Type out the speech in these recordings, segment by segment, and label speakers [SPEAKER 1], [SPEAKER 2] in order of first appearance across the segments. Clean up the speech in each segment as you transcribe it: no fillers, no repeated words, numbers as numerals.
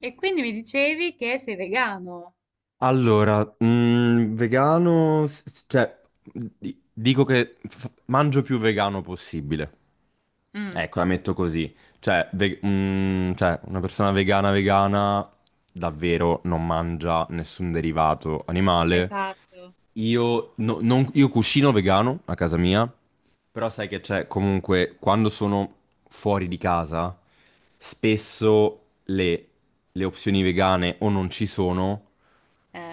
[SPEAKER 1] E quindi mi dicevi che sei vegano.
[SPEAKER 2] Allora, vegano, cioè, dico che mangio più vegano possibile.
[SPEAKER 1] Mm.
[SPEAKER 2] Ecco, la metto così. Cioè, cioè, una persona vegana vegana davvero non mangia nessun derivato animale.
[SPEAKER 1] Esatto.
[SPEAKER 2] Io, no- non- io cucino vegano a casa mia, però sai che c'è comunque quando sono fuori di casa, spesso le opzioni vegane o non ci sono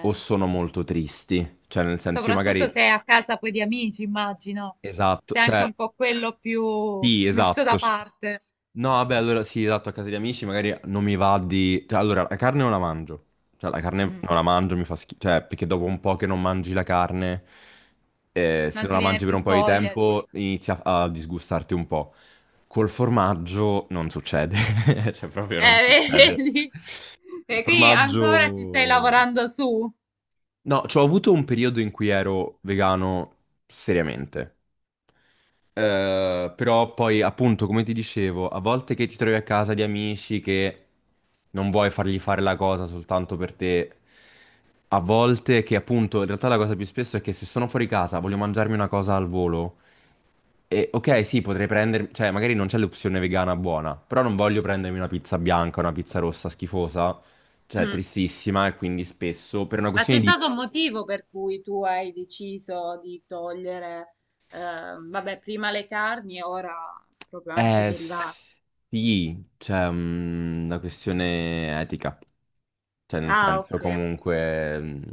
[SPEAKER 2] o sono molto tristi. Cioè, nel senso, io
[SPEAKER 1] Soprattutto
[SPEAKER 2] magari,
[SPEAKER 1] se è a casa poi di amici, immagino.
[SPEAKER 2] esatto,
[SPEAKER 1] Sei anche
[SPEAKER 2] cioè,
[SPEAKER 1] un po' quello più
[SPEAKER 2] sì,
[SPEAKER 1] messo
[SPEAKER 2] esatto.
[SPEAKER 1] da parte.
[SPEAKER 2] No, vabbè, allora sì, esatto, a casa di amici magari non mi va di. Cioè, allora, la carne non la mangio. Cioè, la carne
[SPEAKER 1] Mm.
[SPEAKER 2] non la mangio, mi fa schifo. Cioè, perché dopo un po' che non mangi la carne, se
[SPEAKER 1] Non
[SPEAKER 2] non
[SPEAKER 1] ti
[SPEAKER 2] la
[SPEAKER 1] viene
[SPEAKER 2] mangi per
[SPEAKER 1] più
[SPEAKER 2] un po' di
[SPEAKER 1] voglia di...
[SPEAKER 2] tempo, inizia a disgustarti un po'. Col formaggio non succede. Cioè, proprio non
[SPEAKER 1] Eh,
[SPEAKER 2] succede.
[SPEAKER 1] vedi?
[SPEAKER 2] Il
[SPEAKER 1] E quindi ancora ci stai
[SPEAKER 2] formaggio.
[SPEAKER 1] lavorando su.
[SPEAKER 2] No, cioè, ho avuto un periodo in cui ero vegano seriamente. Però poi, appunto, come ti dicevo, a volte che ti trovi a casa di amici che non vuoi fargli fare la cosa soltanto per te, a volte che, appunto, in realtà la cosa più spesso è che se sono fuori casa, voglio mangiarmi una cosa al volo. E ok, sì, potrei prendermi, cioè magari non c'è l'opzione vegana buona, però non voglio prendermi una pizza bianca, una pizza rossa schifosa, cioè
[SPEAKER 1] Mm.
[SPEAKER 2] tristissima, e quindi spesso per una
[SPEAKER 1] Ma
[SPEAKER 2] questione
[SPEAKER 1] c'è
[SPEAKER 2] di.
[SPEAKER 1] stato un motivo per cui tu hai deciso di togliere, eh, vabbè, prima le carni e ora proprio anche i
[SPEAKER 2] Eh
[SPEAKER 1] derivati.
[SPEAKER 2] sì, cioè una questione etica. Cioè, nel
[SPEAKER 1] Ah,
[SPEAKER 2] senso,
[SPEAKER 1] ok.
[SPEAKER 2] comunque,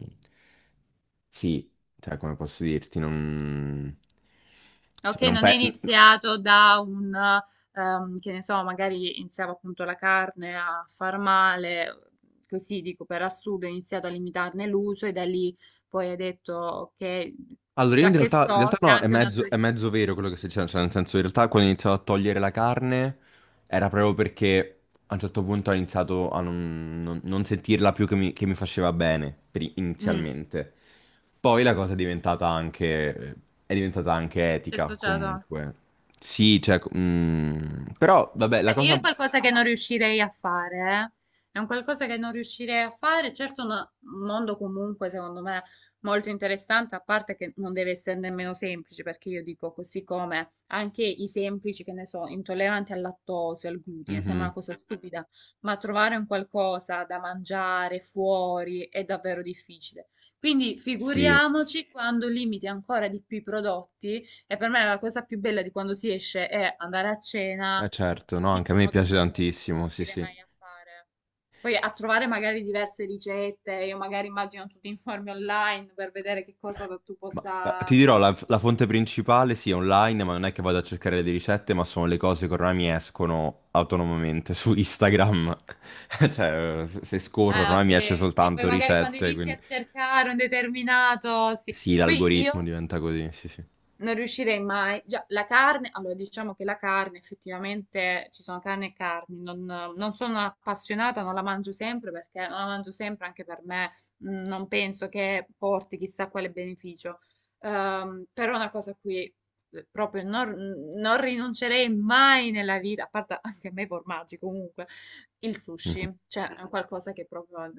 [SPEAKER 2] sì, cioè, come posso dirti, non.
[SPEAKER 1] Ok,
[SPEAKER 2] Cioè, non
[SPEAKER 1] non è iniziato da un, che ne so, magari iniziava appunto la carne a far male, così dico per assurdo, ha iniziato a limitarne l'uso e da lì poi hai detto che
[SPEAKER 2] Allora, io
[SPEAKER 1] già che
[SPEAKER 2] in
[SPEAKER 1] sto,
[SPEAKER 2] realtà
[SPEAKER 1] c'è
[SPEAKER 2] no,
[SPEAKER 1] anche una
[SPEAKER 2] è
[SPEAKER 1] teoria.
[SPEAKER 2] mezzo vero quello che stai dicendo, cioè, nel senso, in realtà quando ho iniziato a togliere la carne era proprio perché a un certo punto ho iniziato a non sentirla più che mi faceva bene,
[SPEAKER 1] Mm.
[SPEAKER 2] inizialmente. Poi la cosa è diventata anche
[SPEAKER 1] C'è
[SPEAKER 2] etica,
[SPEAKER 1] associato.
[SPEAKER 2] comunque. Sì, cioè, però vabbè, la
[SPEAKER 1] Io è
[SPEAKER 2] cosa.
[SPEAKER 1] qualcosa che non riuscirei a fare, eh. È un qualcosa che non riuscirei a fare. Certo, un mondo comunque, secondo me, molto interessante, a parte che non deve essere nemmeno semplice, perché io dico così come anche i semplici, che ne so, intolleranti al lattosio, al glutine, sembra una
[SPEAKER 2] Mhm.
[SPEAKER 1] cosa stupida, ma trovare un qualcosa da mangiare fuori è davvero difficile. Quindi
[SPEAKER 2] Sì,
[SPEAKER 1] figuriamoci quando limiti ancora di più i prodotti, e per me la cosa più bella di quando si esce è andare a cena.
[SPEAKER 2] eh certo, no, anche a me
[SPEAKER 1] Diciamo che è un
[SPEAKER 2] piace
[SPEAKER 1] qualcosa che non
[SPEAKER 2] tantissimo, sì,
[SPEAKER 1] riuscirei
[SPEAKER 2] sì.
[SPEAKER 1] mai a fare. Poi a trovare magari diverse ricette, io magari immagino tu ti informi online per vedere che cosa tu
[SPEAKER 2] Ma
[SPEAKER 1] possa...
[SPEAKER 2] ti dirò, la fonte principale sì, è online, ma non è che vado a cercare le ricette, ma sono le cose che ormai mi escono autonomamente su Instagram. Cioè, se scorro
[SPEAKER 1] Ah,
[SPEAKER 2] ormai mi esce
[SPEAKER 1] ok, sì. Poi
[SPEAKER 2] soltanto
[SPEAKER 1] magari quando
[SPEAKER 2] ricette,
[SPEAKER 1] inizi
[SPEAKER 2] quindi
[SPEAKER 1] a cercare un determinato, sì.
[SPEAKER 2] sì,
[SPEAKER 1] E poi
[SPEAKER 2] l'algoritmo
[SPEAKER 1] io
[SPEAKER 2] diventa così, sì, sì.
[SPEAKER 1] non riuscirei mai. Già, la carne, allora diciamo che la carne, effettivamente ci sono carne e carni. Non sono appassionata, non la mangio sempre perché non la mangio sempre anche per me. Non penso che porti chissà quale beneficio. Però una cosa a cui proprio non rinuncerei mai nella vita, a parte anche a me i formaggi comunque, il
[SPEAKER 2] Mhm.
[SPEAKER 1] sushi, cioè è qualcosa che proprio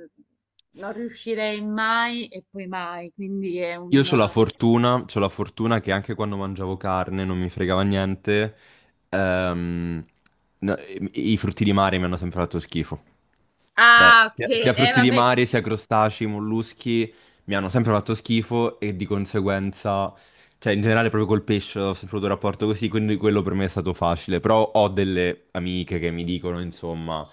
[SPEAKER 1] non riuscirei mai e poi mai. Quindi è
[SPEAKER 2] Io
[SPEAKER 1] un.
[SPEAKER 2] ho la fortuna, c'ho la fortuna che anche quando mangiavo carne non mi fregava niente, ehm, no, i frutti di mare mi hanno sempre fatto schifo. Cioè,
[SPEAKER 1] Ah, ok.
[SPEAKER 2] sia, sia frutti di
[SPEAKER 1] Vabbè,
[SPEAKER 2] mare, sia crostacei, molluschi mi hanno sempre fatto schifo e di conseguenza, cioè in generale proprio col pesce ho sempre avuto un rapporto così, quindi quello per me è stato facile. Però ho delle amiche che mi dicono, insomma,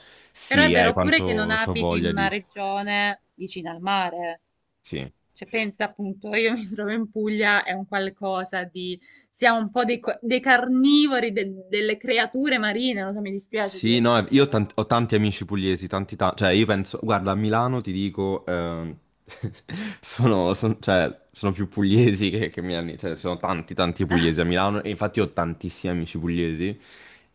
[SPEAKER 1] però è
[SPEAKER 2] sì,
[SPEAKER 1] vero, sì. Pure
[SPEAKER 2] quanto
[SPEAKER 1] che non
[SPEAKER 2] ho
[SPEAKER 1] abiti in
[SPEAKER 2] voglia
[SPEAKER 1] una
[SPEAKER 2] di.
[SPEAKER 1] regione vicina al mare.
[SPEAKER 2] Sì.
[SPEAKER 1] Cioè, pensa appunto, io mi trovo in Puglia, è un qualcosa di... Siamo un po' dei, dei carnivori, delle creature marine, non so, mi dispiace
[SPEAKER 2] Sì,
[SPEAKER 1] dire
[SPEAKER 2] no,
[SPEAKER 1] così,
[SPEAKER 2] io ho
[SPEAKER 1] però...
[SPEAKER 2] tanti, ho tanti amici pugliesi, tanti, cioè io penso, guarda, a Milano ti dico, sono, cioè, sono più pugliesi che milani, cioè sono tanti, tanti pugliesi a Milano e infatti ho tantissimi amici pugliesi,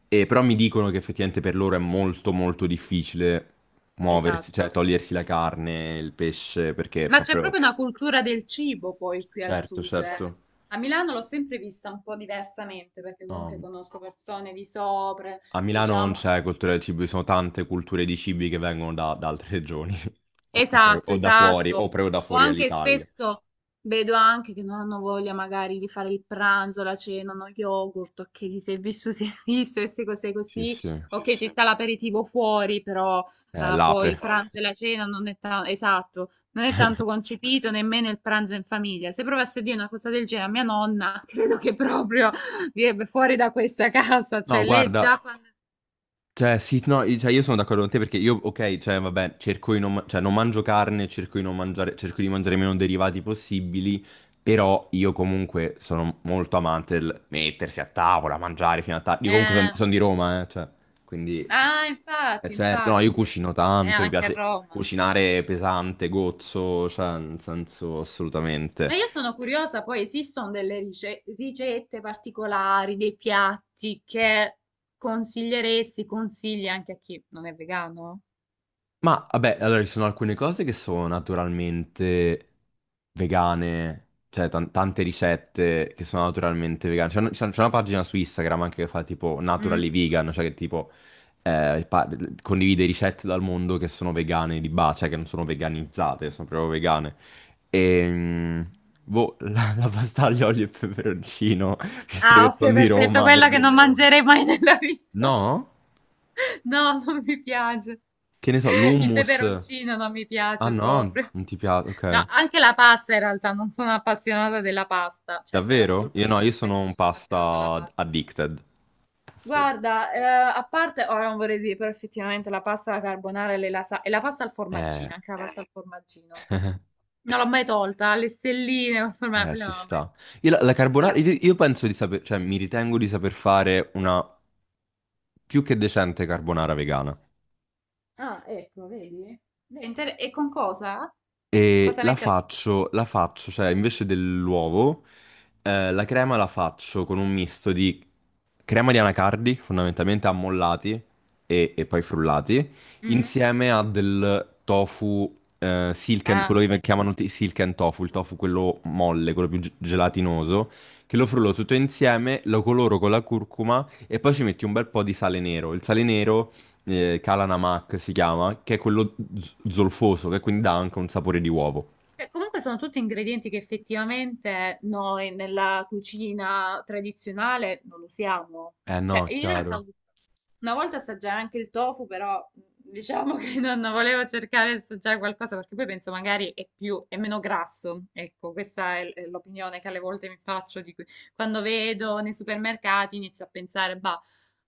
[SPEAKER 2] e però mi dicono che effettivamente per loro è molto, molto difficile muoversi, cioè
[SPEAKER 1] Esatto.
[SPEAKER 2] togliersi la carne, il pesce, perché
[SPEAKER 1] Ma c'è
[SPEAKER 2] proprio.
[SPEAKER 1] proprio una cultura del cibo poi qui al
[SPEAKER 2] Certo,
[SPEAKER 1] sud, eh.
[SPEAKER 2] certo.
[SPEAKER 1] A Milano l'ho sempre vista un po' diversamente, perché comunque
[SPEAKER 2] No.
[SPEAKER 1] conosco persone di sopra,
[SPEAKER 2] A Milano non
[SPEAKER 1] diciamo.
[SPEAKER 2] c'è cultura del cibo, ci sono tante culture di cibi che vengono da altre regioni,
[SPEAKER 1] Esatto,
[SPEAKER 2] o da fuori, o
[SPEAKER 1] esatto.
[SPEAKER 2] proprio da
[SPEAKER 1] O
[SPEAKER 2] fuori
[SPEAKER 1] anche
[SPEAKER 2] all'Italia.
[SPEAKER 1] spesso vedo anche che non hanno voglia magari di fare il pranzo, la cena, uno yogurt, ok, chi si è visto si è visto e se cos'è
[SPEAKER 2] Sì,
[SPEAKER 1] così,
[SPEAKER 2] sì. Eh,
[SPEAKER 1] ok, ci sta l'aperitivo fuori, però poi
[SPEAKER 2] l'ape.
[SPEAKER 1] il pranzo e la cena non è tanto, esatto, non è tanto concepito nemmeno il pranzo in famiglia. Se provasse a dire una cosa del genere a mia nonna, credo che proprio direbbe fuori da questa casa, cioè
[SPEAKER 2] No,
[SPEAKER 1] lei
[SPEAKER 2] guarda,
[SPEAKER 1] già quando...
[SPEAKER 2] cioè, sì, no, io sono d'accordo con te perché io, ok, cioè, vabbè, cerco di non, cioè, non mangio carne, cerco di non mangiare, cerco di mangiare meno derivati possibili, però io comunque sono molto amante del mettersi a tavola, mangiare fino a tardi. Io comunque
[SPEAKER 1] eh,
[SPEAKER 2] sono di Roma, cioè, quindi,
[SPEAKER 1] Ah,
[SPEAKER 2] è
[SPEAKER 1] infatti,
[SPEAKER 2] certo. No, io
[SPEAKER 1] infatti,
[SPEAKER 2] cucino
[SPEAKER 1] è
[SPEAKER 2] tanto, mi
[SPEAKER 1] anche a
[SPEAKER 2] piace
[SPEAKER 1] Roma.
[SPEAKER 2] cucinare pesante, gozzo, cioè, nel senso,
[SPEAKER 1] Ma
[SPEAKER 2] assolutamente.
[SPEAKER 1] io sono curiosa, poi esistono delle ricette particolari, dei piatti che consiglieresti, consigli anche a chi non è vegano?
[SPEAKER 2] Ma vabbè, allora ci sono alcune cose che sono naturalmente vegane, cioè tante ricette che sono naturalmente vegane. C'è una pagina su Instagram anche che fa tipo
[SPEAKER 1] Mm.
[SPEAKER 2] Naturally Vegan, cioè che tipo eh, pa- condivide ricette dal mondo che sono vegane di base, cioè che non sono veganizzate, sono proprio vegane. E boh, la pasta aglio, olio e peperoncino, visto
[SPEAKER 1] Ah,
[SPEAKER 2] che sono
[SPEAKER 1] ok,
[SPEAKER 2] di
[SPEAKER 1] perfetto,
[SPEAKER 2] Roma, per
[SPEAKER 1] quella che non
[SPEAKER 2] dirne una.
[SPEAKER 1] mangerei mai nella vita.
[SPEAKER 2] No?
[SPEAKER 1] No, non mi piace.
[SPEAKER 2] Che ne so,
[SPEAKER 1] Il
[SPEAKER 2] l'hummus.
[SPEAKER 1] peperoncino non mi
[SPEAKER 2] Ah
[SPEAKER 1] piace
[SPEAKER 2] no,
[SPEAKER 1] proprio.
[SPEAKER 2] non ti piace,
[SPEAKER 1] No,
[SPEAKER 2] ok.
[SPEAKER 1] anche la pasta in realtà, non sono appassionata della pasta, cioè per
[SPEAKER 2] Davvero?
[SPEAKER 1] assurdo,
[SPEAKER 2] Io
[SPEAKER 1] mi
[SPEAKER 2] no, io
[SPEAKER 1] dice,
[SPEAKER 2] sono
[SPEAKER 1] questo
[SPEAKER 2] un
[SPEAKER 1] non è appassionata alla
[SPEAKER 2] pasta
[SPEAKER 1] pasta.
[SPEAKER 2] addicted. Assurdo.
[SPEAKER 1] Guarda, a parte, ora non vorrei dire, però effettivamente la pasta alla carbonara e, e la pasta al
[SPEAKER 2] Eh,
[SPEAKER 1] formaggino, anche la pasta al formaggino. Non l'ho mai tolta, le stelline, col formaggio, quella
[SPEAKER 2] ci
[SPEAKER 1] non l'ho mai.
[SPEAKER 2] sta. Io la
[SPEAKER 1] Ah,
[SPEAKER 2] carbonara,
[SPEAKER 1] tolta.
[SPEAKER 2] io penso di saper, cioè mi ritengo di saper fare una più che decente carbonara vegana.
[SPEAKER 1] Ecco, vedi? È Vedi? E con cosa?
[SPEAKER 2] E
[SPEAKER 1] Cosa mette al posto?
[SPEAKER 2] la faccio, cioè invece dell'uovo, la crema la faccio con un misto di crema di anacardi, fondamentalmente ammollati e poi frullati,
[SPEAKER 1] Mm?
[SPEAKER 2] insieme a del tofu, silken,
[SPEAKER 1] Ah,
[SPEAKER 2] quello che
[SPEAKER 1] sì.
[SPEAKER 2] chiamano silken tofu, il tofu quello molle, quello più gelatinoso, che lo frullo tutto insieme, lo coloro con la curcuma e poi ci metti un bel po' di sale nero. Il sale nero Kalanamak si chiama, che è quello zolfoso, che quindi dà anche un sapore di uovo.
[SPEAKER 1] Cioè, comunque sono tutti ingredienti che effettivamente noi nella cucina tradizionale non usiamo.
[SPEAKER 2] Eh
[SPEAKER 1] Cioè,
[SPEAKER 2] no,
[SPEAKER 1] in realtà
[SPEAKER 2] chiaro.
[SPEAKER 1] una volta assaggiare anche il tofu, però diciamo che non volevo cercare di assaggiare qualcosa perché poi penso magari è più, è meno grasso. Ecco, questa è è l'opinione che alle volte mi faccio di quando vedo nei supermercati inizio a pensare, bah,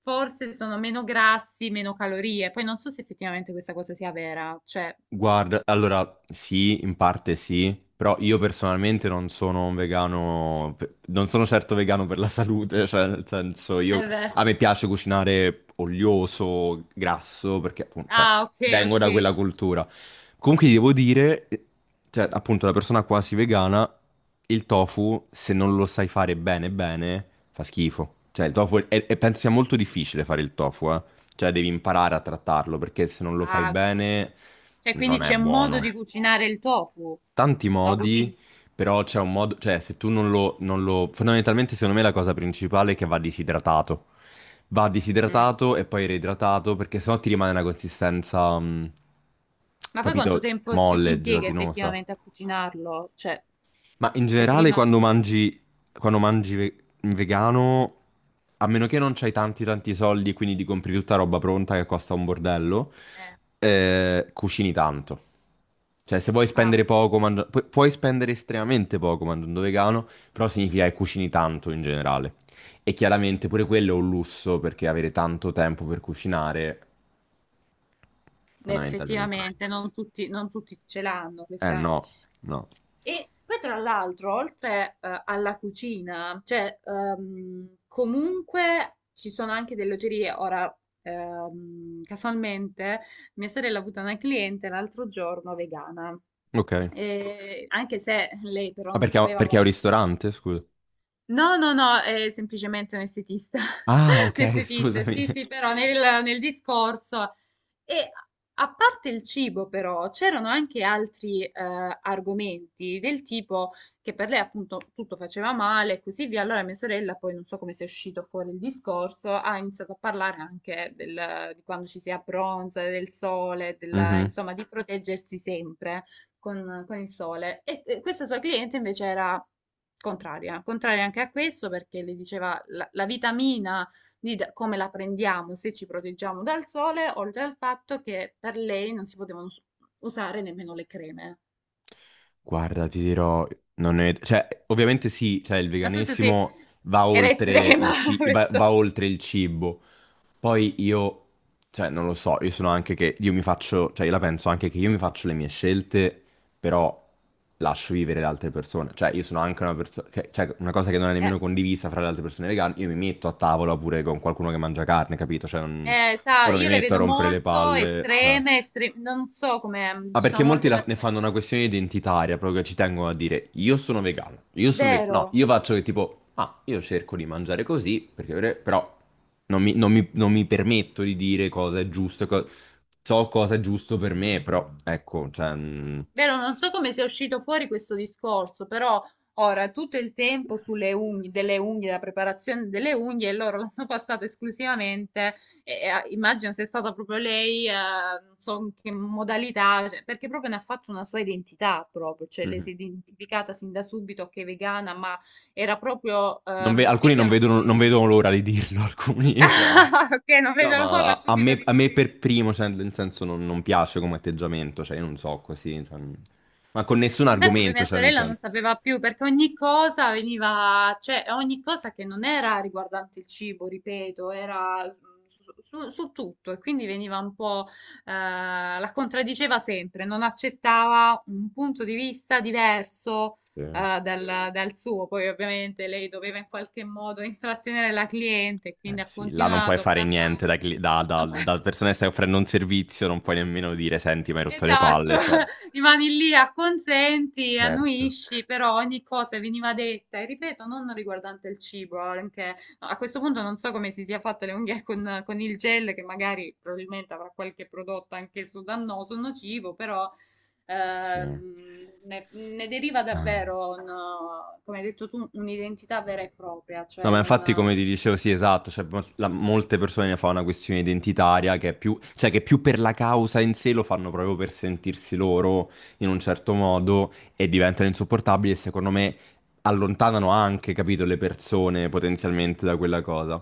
[SPEAKER 1] forse sono meno grassi, meno calorie. Poi non so se effettivamente questa cosa sia vera, cioè
[SPEAKER 2] Guarda, allora sì, in parte sì, però io personalmente non sono un vegano, non sono certo vegano per la salute, cioè nel senso io,
[SPEAKER 1] è vero.
[SPEAKER 2] a me piace cucinare olioso, grasso, perché appunto, cioè,
[SPEAKER 1] Ah, ok,
[SPEAKER 2] vengo da
[SPEAKER 1] ok.
[SPEAKER 2] quella cultura. Comunque ti devo dire, cioè appunto la persona quasi vegana, il tofu se non lo sai fare bene bene fa schifo. Cioè il tofu, penso sia molto difficile fare il tofu, eh. Cioè devi imparare a trattarlo perché se non lo fai
[SPEAKER 1] Ah, ok.
[SPEAKER 2] bene
[SPEAKER 1] Cioè,
[SPEAKER 2] non
[SPEAKER 1] quindi
[SPEAKER 2] è
[SPEAKER 1] c'è un modo di
[SPEAKER 2] buono.
[SPEAKER 1] cucinare il tofu.
[SPEAKER 2] Tanti
[SPEAKER 1] Lo cucini?
[SPEAKER 2] modi, però c'è un modo, cioè se tu non lo... Fondamentalmente secondo me la cosa principale è che va disidratato. Va
[SPEAKER 1] Mm.
[SPEAKER 2] disidratato e poi reidratato perché sennò ti rimane una consistenza,
[SPEAKER 1] Ma poi quanto
[SPEAKER 2] capito,
[SPEAKER 1] tempo ci si
[SPEAKER 2] molle,
[SPEAKER 1] impiega
[SPEAKER 2] gelatinosa.
[SPEAKER 1] effettivamente a cucinarlo? Cioè,
[SPEAKER 2] Ma in
[SPEAKER 1] se
[SPEAKER 2] generale
[SPEAKER 1] prima...
[SPEAKER 2] quando mangi vegano, a meno che non c'hai tanti tanti soldi e quindi ti compri tutta roba pronta che costa un bordello,
[SPEAKER 1] eh,
[SPEAKER 2] cucini tanto. Cioè se vuoi
[SPEAKER 1] ah,
[SPEAKER 2] spendere poco, puoi spendere estremamente poco mangiando vegano, però significa che cucini tanto in generale. E chiaramente pure quello è un lusso perché avere tanto tempo per cucinare, fondamentalmente.
[SPEAKER 1] effettivamente, non tutti ce l'hanno,
[SPEAKER 2] Eh
[SPEAKER 1] questa.
[SPEAKER 2] no, no.
[SPEAKER 1] E poi tra l'altro, oltre alla cucina, cioè comunque ci sono anche delle oterie. Ora, casualmente, mia sorella ha avuto una cliente l'altro giorno vegana.
[SPEAKER 2] Ok.
[SPEAKER 1] E anche se lei però
[SPEAKER 2] Ma
[SPEAKER 1] non
[SPEAKER 2] perché,
[SPEAKER 1] sapeva.
[SPEAKER 2] perché è un ristorante, scusa?
[SPEAKER 1] No, no, no, è semplicemente un estetista.
[SPEAKER 2] Ah, ok,
[SPEAKER 1] Un estetista,
[SPEAKER 2] scusami.
[SPEAKER 1] sì, sì, però nel discorso. E a parte il cibo, però, c'erano anche altri argomenti del tipo che per lei appunto tutto faceva male e così via. Allora mia sorella, poi non so come sia uscito fuori il discorso, ha iniziato a parlare anche di quando ci si abbronza, del sole,
[SPEAKER 2] Mhm.
[SPEAKER 1] insomma, di proteggersi sempre con il sole. E questa sua cliente invece era contraria, contraria anche a questo perché le diceva la vitamina D come la prendiamo se ci proteggiamo dal sole, oltre al fatto che per lei non si potevano usare nemmeno le creme.
[SPEAKER 2] Guarda, ti dirò, non è. Cioè, ovviamente sì, cioè, il
[SPEAKER 1] Non so se
[SPEAKER 2] veganesimo
[SPEAKER 1] era estrema questo.
[SPEAKER 2] va oltre il cibo. Poi io, cioè, non lo so, io sono anche che io mi faccio, cioè, io la penso anche che io mi faccio le mie scelte, però lascio vivere le altre persone. Cioè, io sono anche una persona, cioè, una cosa che non è
[SPEAKER 1] Eh,
[SPEAKER 2] nemmeno condivisa fra le altre persone vegane, io mi metto a tavola pure con qualcuno che mangia carne, capito? Cioè, non.
[SPEAKER 1] Sa,
[SPEAKER 2] Ora mi
[SPEAKER 1] io le
[SPEAKER 2] metto a
[SPEAKER 1] vedo
[SPEAKER 2] rompere le
[SPEAKER 1] molto
[SPEAKER 2] palle, cioè.
[SPEAKER 1] estreme, non so come
[SPEAKER 2] Ah,
[SPEAKER 1] ci
[SPEAKER 2] perché
[SPEAKER 1] sono
[SPEAKER 2] molti
[SPEAKER 1] molte
[SPEAKER 2] ne
[SPEAKER 1] persone.
[SPEAKER 2] fanno una questione identitaria, proprio ci tengono a dire io sono vegano, io sono vegano. No,
[SPEAKER 1] Vero.
[SPEAKER 2] io faccio che tipo, ah, io cerco di mangiare così, perché però non mi permetto di dire cosa è giusto, so cosa è giusto per me, però ecco, cioè, mm,
[SPEAKER 1] Vero, non so come sia uscito fuori questo discorso, però ora tutto il tempo sulle unghie, delle unghie, la preparazione delle unghie, e loro l'hanno passato esclusivamente, ah, immagino sia stata proprio lei, non so in che modalità, cioè, perché proprio ne ha fatto una sua identità proprio, cioè lei
[SPEAKER 2] mhm.
[SPEAKER 1] si è identificata sin da subito che è vegana, ma era proprio,
[SPEAKER 2] Non ve-
[SPEAKER 1] sì
[SPEAKER 2] alcuni
[SPEAKER 1] che è
[SPEAKER 2] non
[SPEAKER 1] uno
[SPEAKER 2] vedono,
[SPEAKER 1] stile
[SPEAKER 2] non
[SPEAKER 1] di
[SPEAKER 2] vedono
[SPEAKER 1] vita.
[SPEAKER 2] l'ora di dirlo, alcuni, cioè.
[SPEAKER 1] Ok, non
[SPEAKER 2] No,
[SPEAKER 1] vedo
[SPEAKER 2] ma
[SPEAKER 1] l'ora
[SPEAKER 2] a, a
[SPEAKER 1] subito
[SPEAKER 2] me,
[SPEAKER 1] di
[SPEAKER 2] a me per
[SPEAKER 1] condividere.
[SPEAKER 2] primo, cioè, nel senso, non piace come atteggiamento, cioè, io non so così, cioè, ma con nessun
[SPEAKER 1] Infatti poi
[SPEAKER 2] argomento,
[SPEAKER 1] mia
[SPEAKER 2] cioè, nel
[SPEAKER 1] sorella non
[SPEAKER 2] senso.
[SPEAKER 1] sapeva più perché ogni cosa veniva, cioè ogni cosa che non era riguardante il cibo, ripeto, era su tutto e quindi veniva un po', la contraddiceva sempre, non accettava un punto di vista diverso, dal suo. Poi ovviamente lei doveva in qualche modo intrattenere la cliente, quindi ha
[SPEAKER 2] Sì, là non puoi
[SPEAKER 1] continuato a
[SPEAKER 2] fare niente da,
[SPEAKER 1] parlarci.
[SPEAKER 2] cli- da- da- da persona che stai offrendo un servizio, non puoi nemmeno dire, senti, mi hai rotto le
[SPEAKER 1] Esatto,
[SPEAKER 2] palle, certo.
[SPEAKER 1] rimani lì, acconsenti,
[SPEAKER 2] Certo.
[SPEAKER 1] annuisci, però ogni cosa veniva detta, e ripeto, non riguardante il cibo, anche no, a questo punto non so come si sia fatto le unghie con, il gel, che magari probabilmente avrà qualche prodotto anch'esso dannoso, nocivo, però
[SPEAKER 2] Sì.
[SPEAKER 1] ne deriva
[SPEAKER 2] Ehm.
[SPEAKER 1] davvero, come hai detto tu, un'identità vera e propria,
[SPEAKER 2] No,
[SPEAKER 1] cioè
[SPEAKER 2] ma
[SPEAKER 1] non...
[SPEAKER 2] infatti come ti dicevo, sì, esatto, cioè, molte persone ne fanno una questione identitaria che è più, cioè che più per la causa in sé lo fanno proprio per sentirsi loro in un certo modo e diventano insopportabili e secondo me allontanano anche, capito, le persone potenzialmente da quella cosa.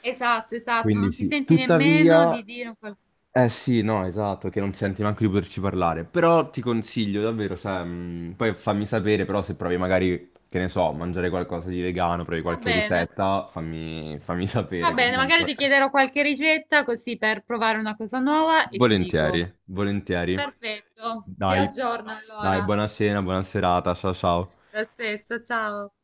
[SPEAKER 1] Esatto, esatto,
[SPEAKER 2] Quindi
[SPEAKER 1] non ti
[SPEAKER 2] sì.
[SPEAKER 1] senti nemmeno
[SPEAKER 2] Tuttavia,
[SPEAKER 1] di dire...
[SPEAKER 2] eh sì, no, esatto, che non senti neanche di poterci parlare. Però ti consiglio davvero, cioè, poi fammi sapere, però se provi magari, che ne so, mangiare qualcosa di vegano, provi
[SPEAKER 1] Va
[SPEAKER 2] qualche
[SPEAKER 1] bene.
[SPEAKER 2] ricetta, fammi
[SPEAKER 1] Va
[SPEAKER 2] sapere
[SPEAKER 1] bene, magari
[SPEAKER 2] comunque.
[SPEAKER 1] ti chiederò qualche ricetta così per provare una cosa nuova e ti dico.
[SPEAKER 2] Volentieri, volentieri.
[SPEAKER 1] Perfetto, ti
[SPEAKER 2] Dai,
[SPEAKER 1] aggiorno
[SPEAKER 2] dai,
[SPEAKER 1] allora.
[SPEAKER 2] buona cena, buona serata, ciao ciao.
[SPEAKER 1] Lo stesso, ciao.